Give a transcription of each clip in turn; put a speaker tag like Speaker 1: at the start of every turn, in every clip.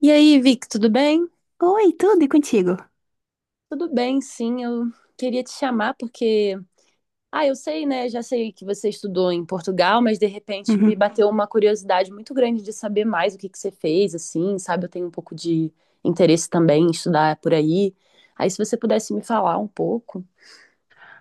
Speaker 1: E aí, Vic, tudo bem?
Speaker 2: Oi, tudo e contigo?
Speaker 1: Tudo bem, sim. Eu queria te chamar porque, eu sei, né? Já sei que você estudou em Portugal, mas de repente me
Speaker 2: Uhum.
Speaker 1: bateu uma curiosidade muito grande de saber mais o que que você fez, assim, sabe? Eu tenho um pouco de interesse também em estudar por aí. Aí, se você pudesse me falar um pouco.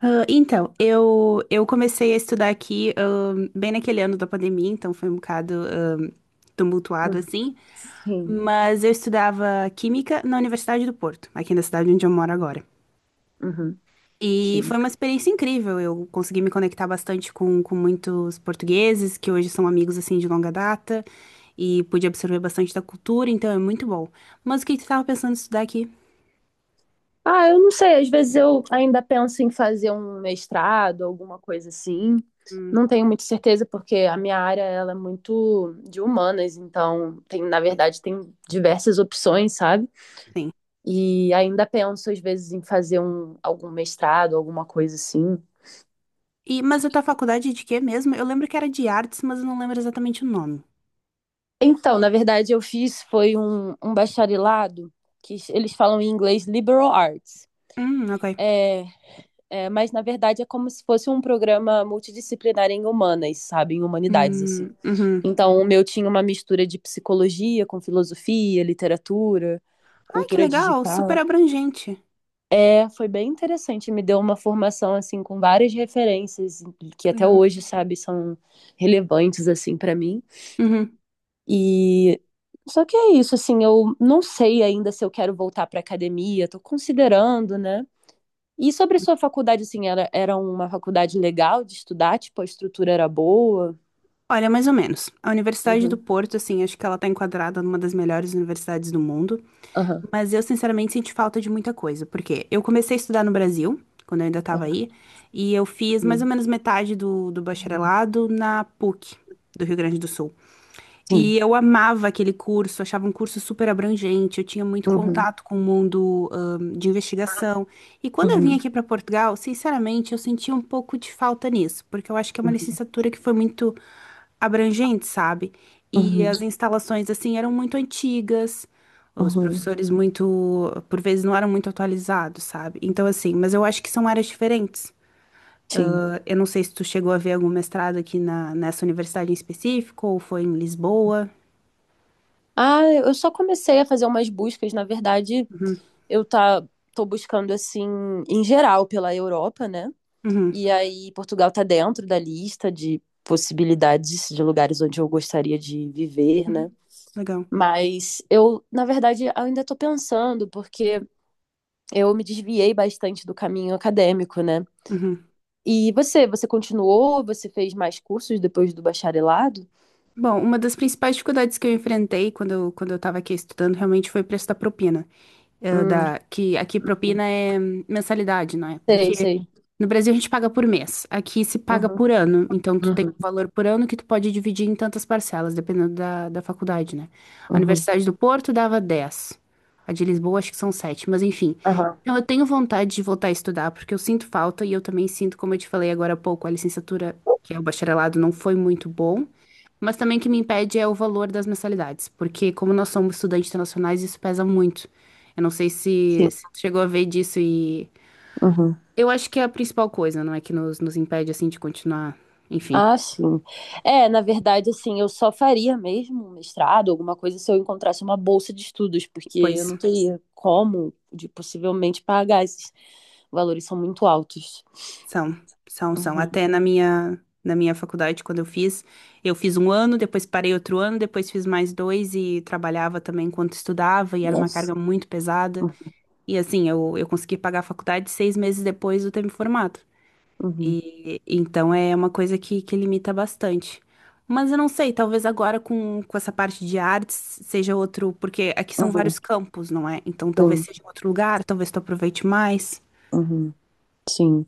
Speaker 2: Ah, então, eu comecei a estudar aqui, bem naquele ano da pandemia, então foi um bocado, tumultuado
Speaker 1: Hum.
Speaker 2: assim,
Speaker 1: Sim.
Speaker 2: mas eu estudava Química na Universidade do Porto, aqui na cidade onde eu moro agora.
Speaker 1: Uhum,
Speaker 2: E
Speaker 1: sim.
Speaker 2: foi uma experiência incrível, eu consegui me conectar bastante com muitos portugueses, que hoje são amigos assim de longa data, e pude absorver bastante da cultura, então é muito bom. Mas o que que tu estava pensando em estudar aqui?
Speaker 1: Ah, eu não sei, às vezes eu ainda penso em fazer um mestrado, alguma coisa assim.
Speaker 2: Hum,
Speaker 1: Não tenho muita certeza, porque a minha área ela é muito de humanas, então tem, na
Speaker 2: pois,
Speaker 1: verdade, tem diversas opções, sabe?
Speaker 2: sim.
Speaker 1: E ainda penso, às vezes, em fazer algum mestrado, alguma coisa assim.
Speaker 2: E, mas a tua faculdade é de quê mesmo? Eu lembro que era de artes, mas eu não lembro exatamente o nome.
Speaker 1: Então, na verdade, eu fiz foi um bacharelado que eles falam em inglês liberal arts.
Speaker 2: Ok.
Speaker 1: É. É, mas na verdade é como se fosse um programa multidisciplinar em humanas, sabe? Em humanidades, assim.
Speaker 2: Uhum.
Speaker 1: Então, o meu tinha uma mistura de psicologia com filosofia, literatura,
Speaker 2: Ai, que
Speaker 1: cultura
Speaker 2: legal, super
Speaker 1: digital.
Speaker 2: abrangente.
Speaker 1: É, foi bem interessante, me deu uma formação assim com várias referências que
Speaker 2: Que
Speaker 1: até
Speaker 2: legal.
Speaker 1: hoje, sabe, são relevantes assim para mim.
Speaker 2: Uhum.
Speaker 1: E só que é isso, assim, eu não sei ainda se eu quero voltar para academia, tô considerando, né? E sobre sua faculdade, assim, era uma faculdade legal de estudar? Tipo, a estrutura era boa?
Speaker 2: Olha, mais ou menos. A Universidade do
Speaker 1: Uhum.
Speaker 2: Porto, assim, acho que ela tá enquadrada numa das melhores universidades do mundo.
Speaker 1: Aham.
Speaker 2: Mas eu, sinceramente, senti falta de muita coisa, porque eu comecei a estudar no Brasil, quando eu ainda estava aí, e eu fiz mais ou
Speaker 1: Uhum.
Speaker 2: menos metade do bacharelado na PUC, do Rio Grande do Sul.
Speaker 1: Sim.
Speaker 2: E eu amava aquele curso, achava um curso super abrangente, eu tinha muito
Speaker 1: Uhum.
Speaker 2: contato com o mundo, de investigação. E quando eu vim
Speaker 1: Uhum.
Speaker 2: aqui para Portugal, sinceramente, eu senti um pouco de falta nisso, porque eu acho que é uma licenciatura que foi muito abrangente, sabe? E
Speaker 1: Uhum.
Speaker 2: as instalações, assim, eram muito antigas, os
Speaker 1: Uhum.
Speaker 2: professores muito, por vezes, não eram muito atualizados, sabe? Então, assim, mas eu acho que são áreas diferentes.
Speaker 1: Sim.
Speaker 2: Eu não sei se tu chegou a ver algum mestrado aqui na, nessa universidade em específico, ou foi em Lisboa.
Speaker 1: Ah, eu só comecei a fazer umas buscas, na verdade,
Speaker 2: Uhum,
Speaker 1: eu tá tô buscando assim em geral pela Europa, né?
Speaker 2: uhum,
Speaker 1: E aí Portugal tá dentro da lista de possibilidades de lugares onde eu gostaria de viver, né?
Speaker 2: uhum. Legal.
Speaker 1: Mas eu, na verdade, ainda tô pensando, porque eu me desviei bastante do caminho acadêmico, né?
Speaker 2: Uhum.
Speaker 1: E você continuou? Você fez mais cursos depois do bacharelado?
Speaker 2: Bom, uma das principais dificuldades que eu enfrentei quando eu estava aqui estudando realmente foi o preço da propina.
Speaker 1: Hum,
Speaker 2: Que aqui propina é mensalidade, não é?
Speaker 1: sei,
Speaker 2: Porque
Speaker 1: sei.
Speaker 2: no Brasil a gente paga por mês, aqui se paga
Speaker 1: Uhum,
Speaker 2: por ano. Então tu tem
Speaker 1: uhum,
Speaker 2: um valor por ano que tu pode dividir em tantas parcelas, dependendo da faculdade, né? A
Speaker 1: uhum.
Speaker 2: Universidade do Porto dava 10, a de Lisboa acho que são 7, mas enfim.
Speaker 1: Aham,
Speaker 2: Então eu tenho vontade de voltar a estudar, porque eu sinto falta e eu também sinto, como eu te falei agora há pouco, a licenciatura, que é o bacharelado, não foi muito bom. Mas também o que me impede é o valor das mensalidades, porque como nós somos estudantes internacionais, isso pesa muito. Eu não sei se,
Speaker 1: sim.
Speaker 2: se tu chegou a ver disso e
Speaker 1: Uhum.
Speaker 2: eu acho que é a principal coisa, não é que nos impede assim de continuar, enfim.
Speaker 1: Ah, sim. É, na verdade, assim, eu só faria mesmo um mestrado, alguma coisa, se eu encontrasse uma bolsa de estudos, porque eu
Speaker 2: Pois
Speaker 1: não teria como de possivelmente pagar esses valores são muito altos.
Speaker 2: são, são, são.
Speaker 1: Uhum.
Speaker 2: Até na minha faculdade quando eu fiz um ano, depois parei outro ano, depois fiz mais dois e trabalhava também enquanto estudava e era uma
Speaker 1: Nossa.
Speaker 2: carga muito pesada. E assim, eu consegui pagar a faculdade seis meses depois de eu ter me formado.
Speaker 1: Uhum.
Speaker 2: E, então é uma coisa que limita bastante. Mas eu não sei, talvez agora com essa parte de artes seja outro, porque aqui são vários
Speaker 1: Uhum.
Speaker 2: campos, não é? Então talvez
Speaker 1: Uhum.
Speaker 2: seja
Speaker 1: Sim.
Speaker 2: outro lugar, talvez tu aproveite mais.
Speaker 1: Uhum. Sim.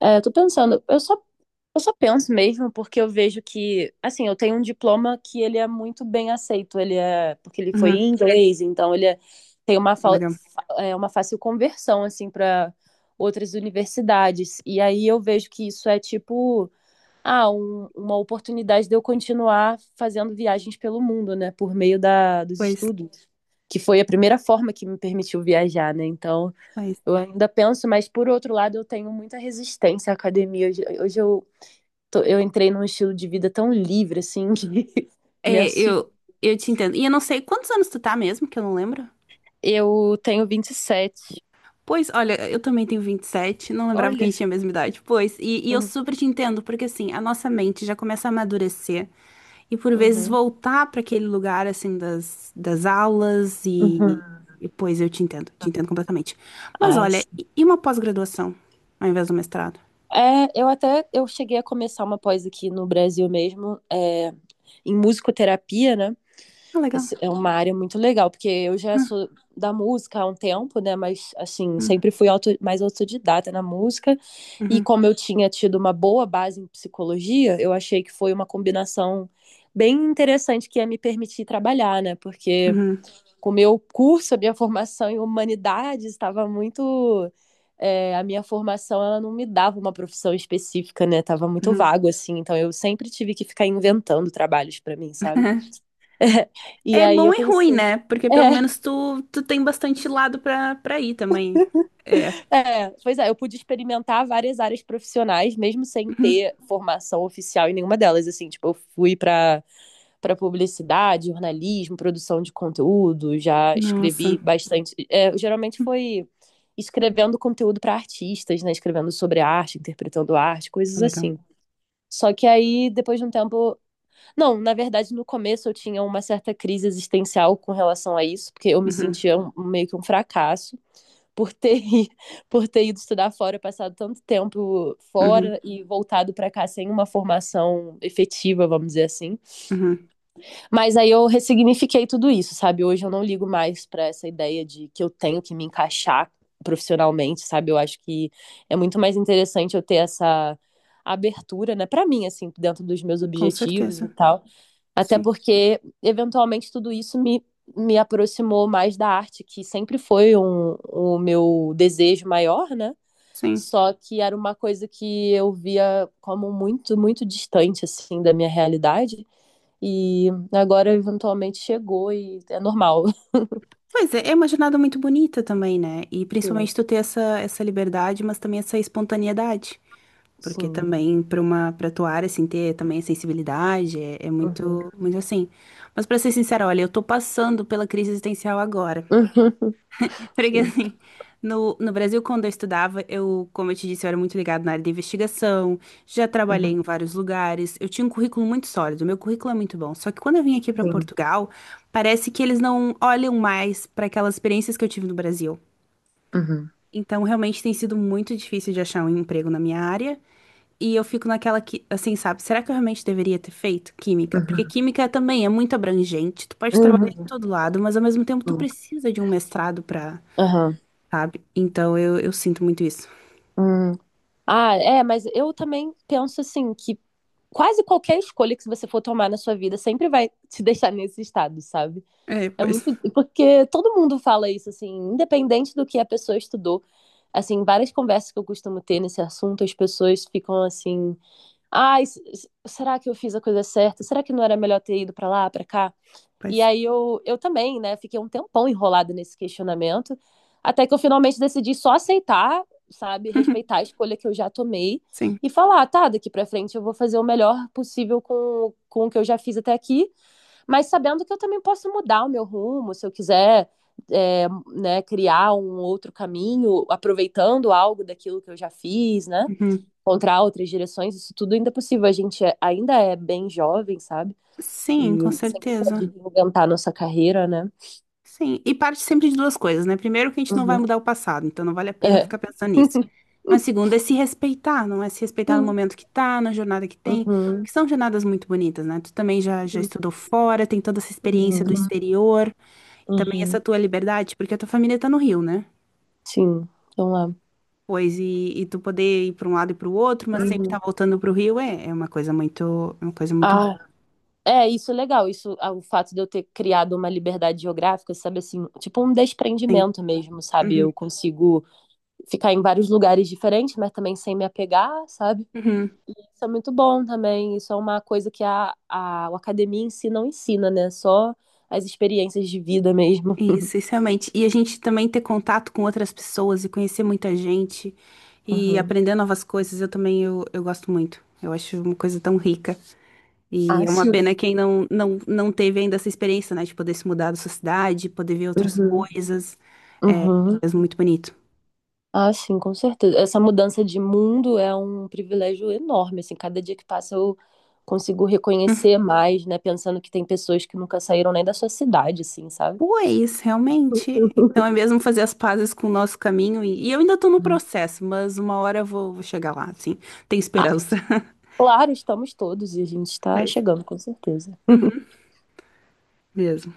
Speaker 1: É, eu tô pensando, eu só Eu só penso mesmo porque eu vejo que, assim, eu tenho um diploma que ele é muito bem aceito, porque ele foi
Speaker 2: Uhum,
Speaker 1: em inglês, então ele é- tem uma, fa-
Speaker 2: legal.
Speaker 1: fa- é, uma fácil conversão, assim, para outras universidades. E aí eu vejo que isso é tipo, uma oportunidade de eu continuar fazendo viagens pelo mundo, né, por meio dos
Speaker 2: Pois,
Speaker 1: estudos, que foi a primeira forma que me permitiu viajar, né, então...
Speaker 2: pois.
Speaker 1: Eu ainda penso, mas por outro lado, eu tenho muita resistência à academia. Hoje eu eu entrei num estilo de vida tão livre, assim, que me
Speaker 2: É,
Speaker 1: assusta.
Speaker 2: eu te entendo. E eu não sei quantos anos tu tá mesmo, que eu não lembro.
Speaker 1: Eu tenho 27.
Speaker 2: Pois, olha, eu também tenho vinte e sete, não lembrava que a
Speaker 1: Olha.
Speaker 2: gente tinha a mesma idade. Pois, e eu
Speaker 1: Uhum,
Speaker 2: super te entendo, porque assim, a nossa mente já começa a amadurecer e por vezes
Speaker 1: uhum,
Speaker 2: voltar para aquele lugar, assim, das aulas
Speaker 1: uhum.
Speaker 2: e. Pois, eu te entendo completamente. Mas
Speaker 1: Ai,
Speaker 2: olha,
Speaker 1: sim.
Speaker 2: e uma pós-graduação ao invés do mestrado?
Speaker 1: Eu até eu cheguei a começar uma pós aqui no Brasil mesmo, em musicoterapia, né?
Speaker 2: Ah, legal.
Speaker 1: É uma área muito legal, porque eu já sou
Speaker 2: Ah,
Speaker 1: da música há um tempo, né? Mas, assim,
Speaker 2: hum,
Speaker 1: sempre mais autodidata na música. E
Speaker 2: uhum,
Speaker 1: como eu tinha tido uma boa base em psicologia, eu achei que foi uma combinação bem interessante que ia me permitir trabalhar, né? Porque
Speaker 2: uhum,
Speaker 1: com o meu curso, a minha formação em humanidades estava muito. A minha formação, ela não me dava uma profissão específica, né? Tava muito
Speaker 2: uhum.
Speaker 1: vago, assim. Então, eu sempre tive que ficar inventando trabalhos para mim, sabe? E
Speaker 2: É
Speaker 1: aí
Speaker 2: bom
Speaker 1: eu
Speaker 2: e ruim,
Speaker 1: pensei.
Speaker 2: né? Porque pelo menos tu, tu tem bastante lado pra ir também. É.
Speaker 1: Pois é, eu pude experimentar várias áreas profissionais, mesmo sem
Speaker 2: Uhum.
Speaker 1: ter formação oficial em nenhuma delas. Assim, tipo, eu fui para para publicidade, jornalismo, produção de conteúdo, já
Speaker 2: Nossa,
Speaker 1: escrevi bastante. É, geralmente foi escrevendo conteúdo para artistas, né? Escrevendo sobre arte, interpretando arte, coisas
Speaker 2: legal.
Speaker 1: assim. Só que aí, depois de um tempo. Não, na verdade, no começo eu tinha uma certa crise existencial com relação a isso, porque eu me
Speaker 2: Uhum.
Speaker 1: sentia meio que um fracasso. por ter, por ter ido estudar fora, passado tanto tempo
Speaker 2: Uhum,
Speaker 1: fora e voltado para cá sem uma formação efetiva, vamos dizer assim.
Speaker 2: uhum,
Speaker 1: Mas aí eu ressignifiquei tudo isso, sabe? Hoje eu não ligo mais para essa ideia de que eu tenho que me encaixar profissionalmente, sabe? Eu acho que é muito mais interessante eu ter essa abertura, né, para mim assim, dentro dos meus
Speaker 2: com
Speaker 1: objetivos e
Speaker 2: certeza.
Speaker 1: tal. Até
Speaker 2: Sim,
Speaker 1: porque, eventualmente, tudo isso me aproximou mais da arte, que sempre foi o meu desejo maior, né?
Speaker 2: sim.
Speaker 1: Só que era uma coisa que eu via como muito distante, assim, da minha realidade. E agora, eventualmente, chegou e é normal.
Speaker 2: Pois é, é uma jornada muito bonita também, né? E
Speaker 1: Sim,
Speaker 2: principalmente tu ter essa, essa liberdade, mas também essa espontaneidade. Porque
Speaker 1: sim.
Speaker 2: também para uma para tua área assim ter também a sensibilidade é, é
Speaker 1: Uhum.
Speaker 2: muito muito assim. Mas para ser sincera, olha, eu tô passando pela crise existencial agora.
Speaker 1: Uhum.
Speaker 2: Porque
Speaker 1: Sim.
Speaker 2: assim, no Brasil, quando eu estudava, eu, como eu te disse, eu era muito ligado na área de investigação, já trabalhei
Speaker 1: Uhum.
Speaker 2: em vários lugares, eu tinha um currículo muito sólido, meu currículo é muito bom. Só que quando eu vim aqui para
Speaker 1: Sim.
Speaker 2: Portugal, parece que eles não olham mais para aquelas experiências que eu tive no Brasil.
Speaker 1: Uhum.
Speaker 2: Então, realmente tem sido muito difícil de achar um emprego na minha área. E eu fico naquela que, assim, sabe, será que eu realmente deveria ter feito química? Porque
Speaker 1: Uhum.
Speaker 2: química também é muito abrangente, tu pode trabalhar em
Speaker 1: Uhum.
Speaker 2: todo lado, mas ao mesmo tempo tu
Speaker 1: Sim.
Speaker 2: precisa de um mestrado para
Speaker 1: Aham.
Speaker 2: sabe? Então eu sinto muito isso.
Speaker 1: Hum. Ah, é, mas eu também penso assim que quase qualquer escolha que você for tomar na sua vida sempre vai te deixar nesse estado, sabe?
Speaker 2: É,
Speaker 1: É
Speaker 2: pois,
Speaker 1: muito porque todo mundo fala isso assim, independente do que a pessoa estudou. Assim, várias conversas que eu costumo ter nesse assunto, as pessoas ficam assim: "Ai, será que eu fiz a coisa certa? Será que não era melhor ter ido pra lá, pra cá?" E
Speaker 2: pois.
Speaker 1: aí eu também, né, fiquei um tempão enrolada nesse questionamento, até que eu finalmente decidi só aceitar, sabe,
Speaker 2: Uhum,
Speaker 1: respeitar a escolha que eu já tomei
Speaker 2: sim.
Speaker 1: e falar, tá, daqui pra frente eu vou fazer o melhor possível com o que eu já fiz até aqui, mas sabendo que eu também posso mudar o meu rumo, se eu quiser, é, né, criar um outro caminho, aproveitando algo daquilo que eu já fiz, né,
Speaker 2: Uhum.
Speaker 1: encontrar outras direções, isso tudo ainda é possível, ainda é bem jovem, sabe?
Speaker 2: Sim,
Speaker 1: E a
Speaker 2: com
Speaker 1: gente sempre pode
Speaker 2: certeza.
Speaker 1: reinventar nossa carreira, né?
Speaker 2: Sim. E parte sempre de duas coisas, né? Primeiro, que a gente não vai
Speaker 1: Uhum.
Speaker 2: mudar o passado, então não vale a pena ficar
Speaker 1: É.
Speaker 2: pensando nisso. Mas segundo, é se respeitar, não é se respeitar no
Speaker 1: Sim.
Speaker 2: momento que tá, na jornada que tem,
Speaker 1: Uhum.
Speaker 2: porque são jornadas muito bonitas, né? Tu também já, já estudou fora, tem toda essa experiência do
Speaker 1: Uhum.
Speaker 2: exterior, e também
Speaker 1: Uhum.
Speaker 2: essa tua liberdade, porque a tua família tá no Rio, né?
Speaker 1: Sim. Então é.
Speaker 2: Pois, e tu poder ir para um lado e para o outro, mas sempre
Speaker 1: Uhum.
Speaker 2: estar voltando para o Rio é, é uma coisa muito, é uma coisa muito boa.
Speaker 1: Ah, é, isso é legal. Isso, ah, o fato de eu ter criado uma liberdade geográfica, sabe assim, tipo um
Speaker 2: Sim.
Speaker 1: desprendimento mesmo, sabe? Eu
Speaker 2: Uhum.
Speaker 1: consigo ficar em vários lugares diferentes, mas também sem me apegar, sabe?
Speaker 2: Uhum.
Speaker 1: Isso é muito bom também. Isso é uma coisa que a academia em si não ensina, né? Só as experiências de vida mesmo.
Speaker 2: Isso realmente. E a gente também ter contato com outras pessoas e conhecer muita gente e
Speaker 1: Uhum.
Speaker 2: aprender novas coisas, eu também eu gosto muito. Eu acho uma coisa tão rica. E
Speaker 1: Ah,
Speaker 2: é uma
Speaker 1: sim.
Speaker 2: pena quem não, não, não teve ainda essa experiência, né? De poder se mudar da sua cidade, poder ver outras
Speaker 1: Uhum.
Speaker 2: coisas. É,
Speaker 1: Uhum.
Speaker 2: é muito bonito.
Speaker 1: Ah, sim, com certeza. Essa mudança de mundo é um privilégio enorme, assim, cada dia que passa eu consigo reconhecer mais, né, pensando que tem pessoas que nunca saíram nem da sua cidade, assim, sabe?
Speaker 2: Pois, realmente. Então é mesmo fazer as pazes com o nosso caminho. E eu ainda tô no
Speaker 1: Uhum.
Speaker 2: processo, mas uma hora eu vou chegar lá, assim. Tem
Speaker 1: Ah,
Speaker 2: esperança.
Speaker 1: claro, estamos todos e a gente está
Speaker 2: Mas,
Speaker 1: chegando, com certeza.
Speaker 2: mesmo.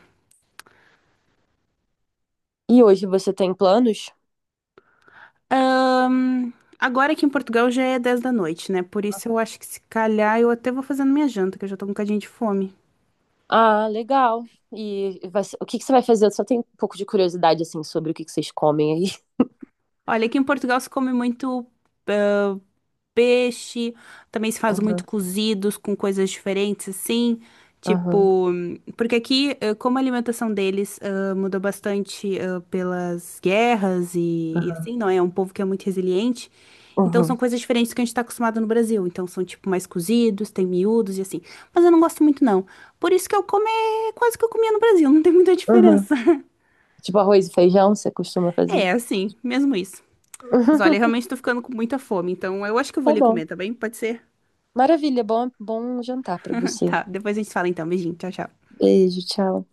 Speaker 1: E hoje você tem planos?
Speaker 2: Ahn, agora aqui em Portugal já é 10 da noite, né? Por isso eu acho que se calhar eu até vou fazendo minha janta, que eu já tô com um bocadinho de fome.
Speaker 1: Ah, legal. O que que você vai fazer? Eu só tenho um pouco de curiosidade, assim, sobre o que que vocês comem aí.
Speaker 2: Olha, aqui em Portugal se come muito peixe. Também se faz muito
Speaker 1: Aham,
Speaker 2: cozidos com coisas diferentes, assim.
Speaker 1: aham,
Speaker 2: Tipo, porque aqui, como a alimentação deles mudou bastante pelas guerras e
Speaker 1: aham,
Speaker 2: assim, não é? É um povo que é muito resiliente. Então são
Speaker 1: aham.
Speaker 2: coisas diferentes que a gente tá acostumado no Brasil. Então são, tipo, mais cozidos, tem miúdos e assim. Mas eu não gosto muito, não. Por isso que eu como é quase que eu comia no Brasil, não tem muita
Speaker 1: Aham.
Speaker 2: diferença.
Speaker 1: Tipo arroz e feijão, você costuma fazer?
Speaker 2: É, assim, mesmo isso. Mas olha,
Speaker 1: Uhum,
Speaker 2: eu realmente tô ficando com muita fome, então eu acho que eu vou
Speaker 1: tá
Speaker 2: ali
Speaker 1: bom.
Speaker 2: comer, tá bem? Pode ser?
Speaker 1: Maravilha, bom jantar para você.
Speaker 2: Tá, depois a gente fala então. Beijinho, tchau, tchau.
Speaker 1: Beijo, tchau.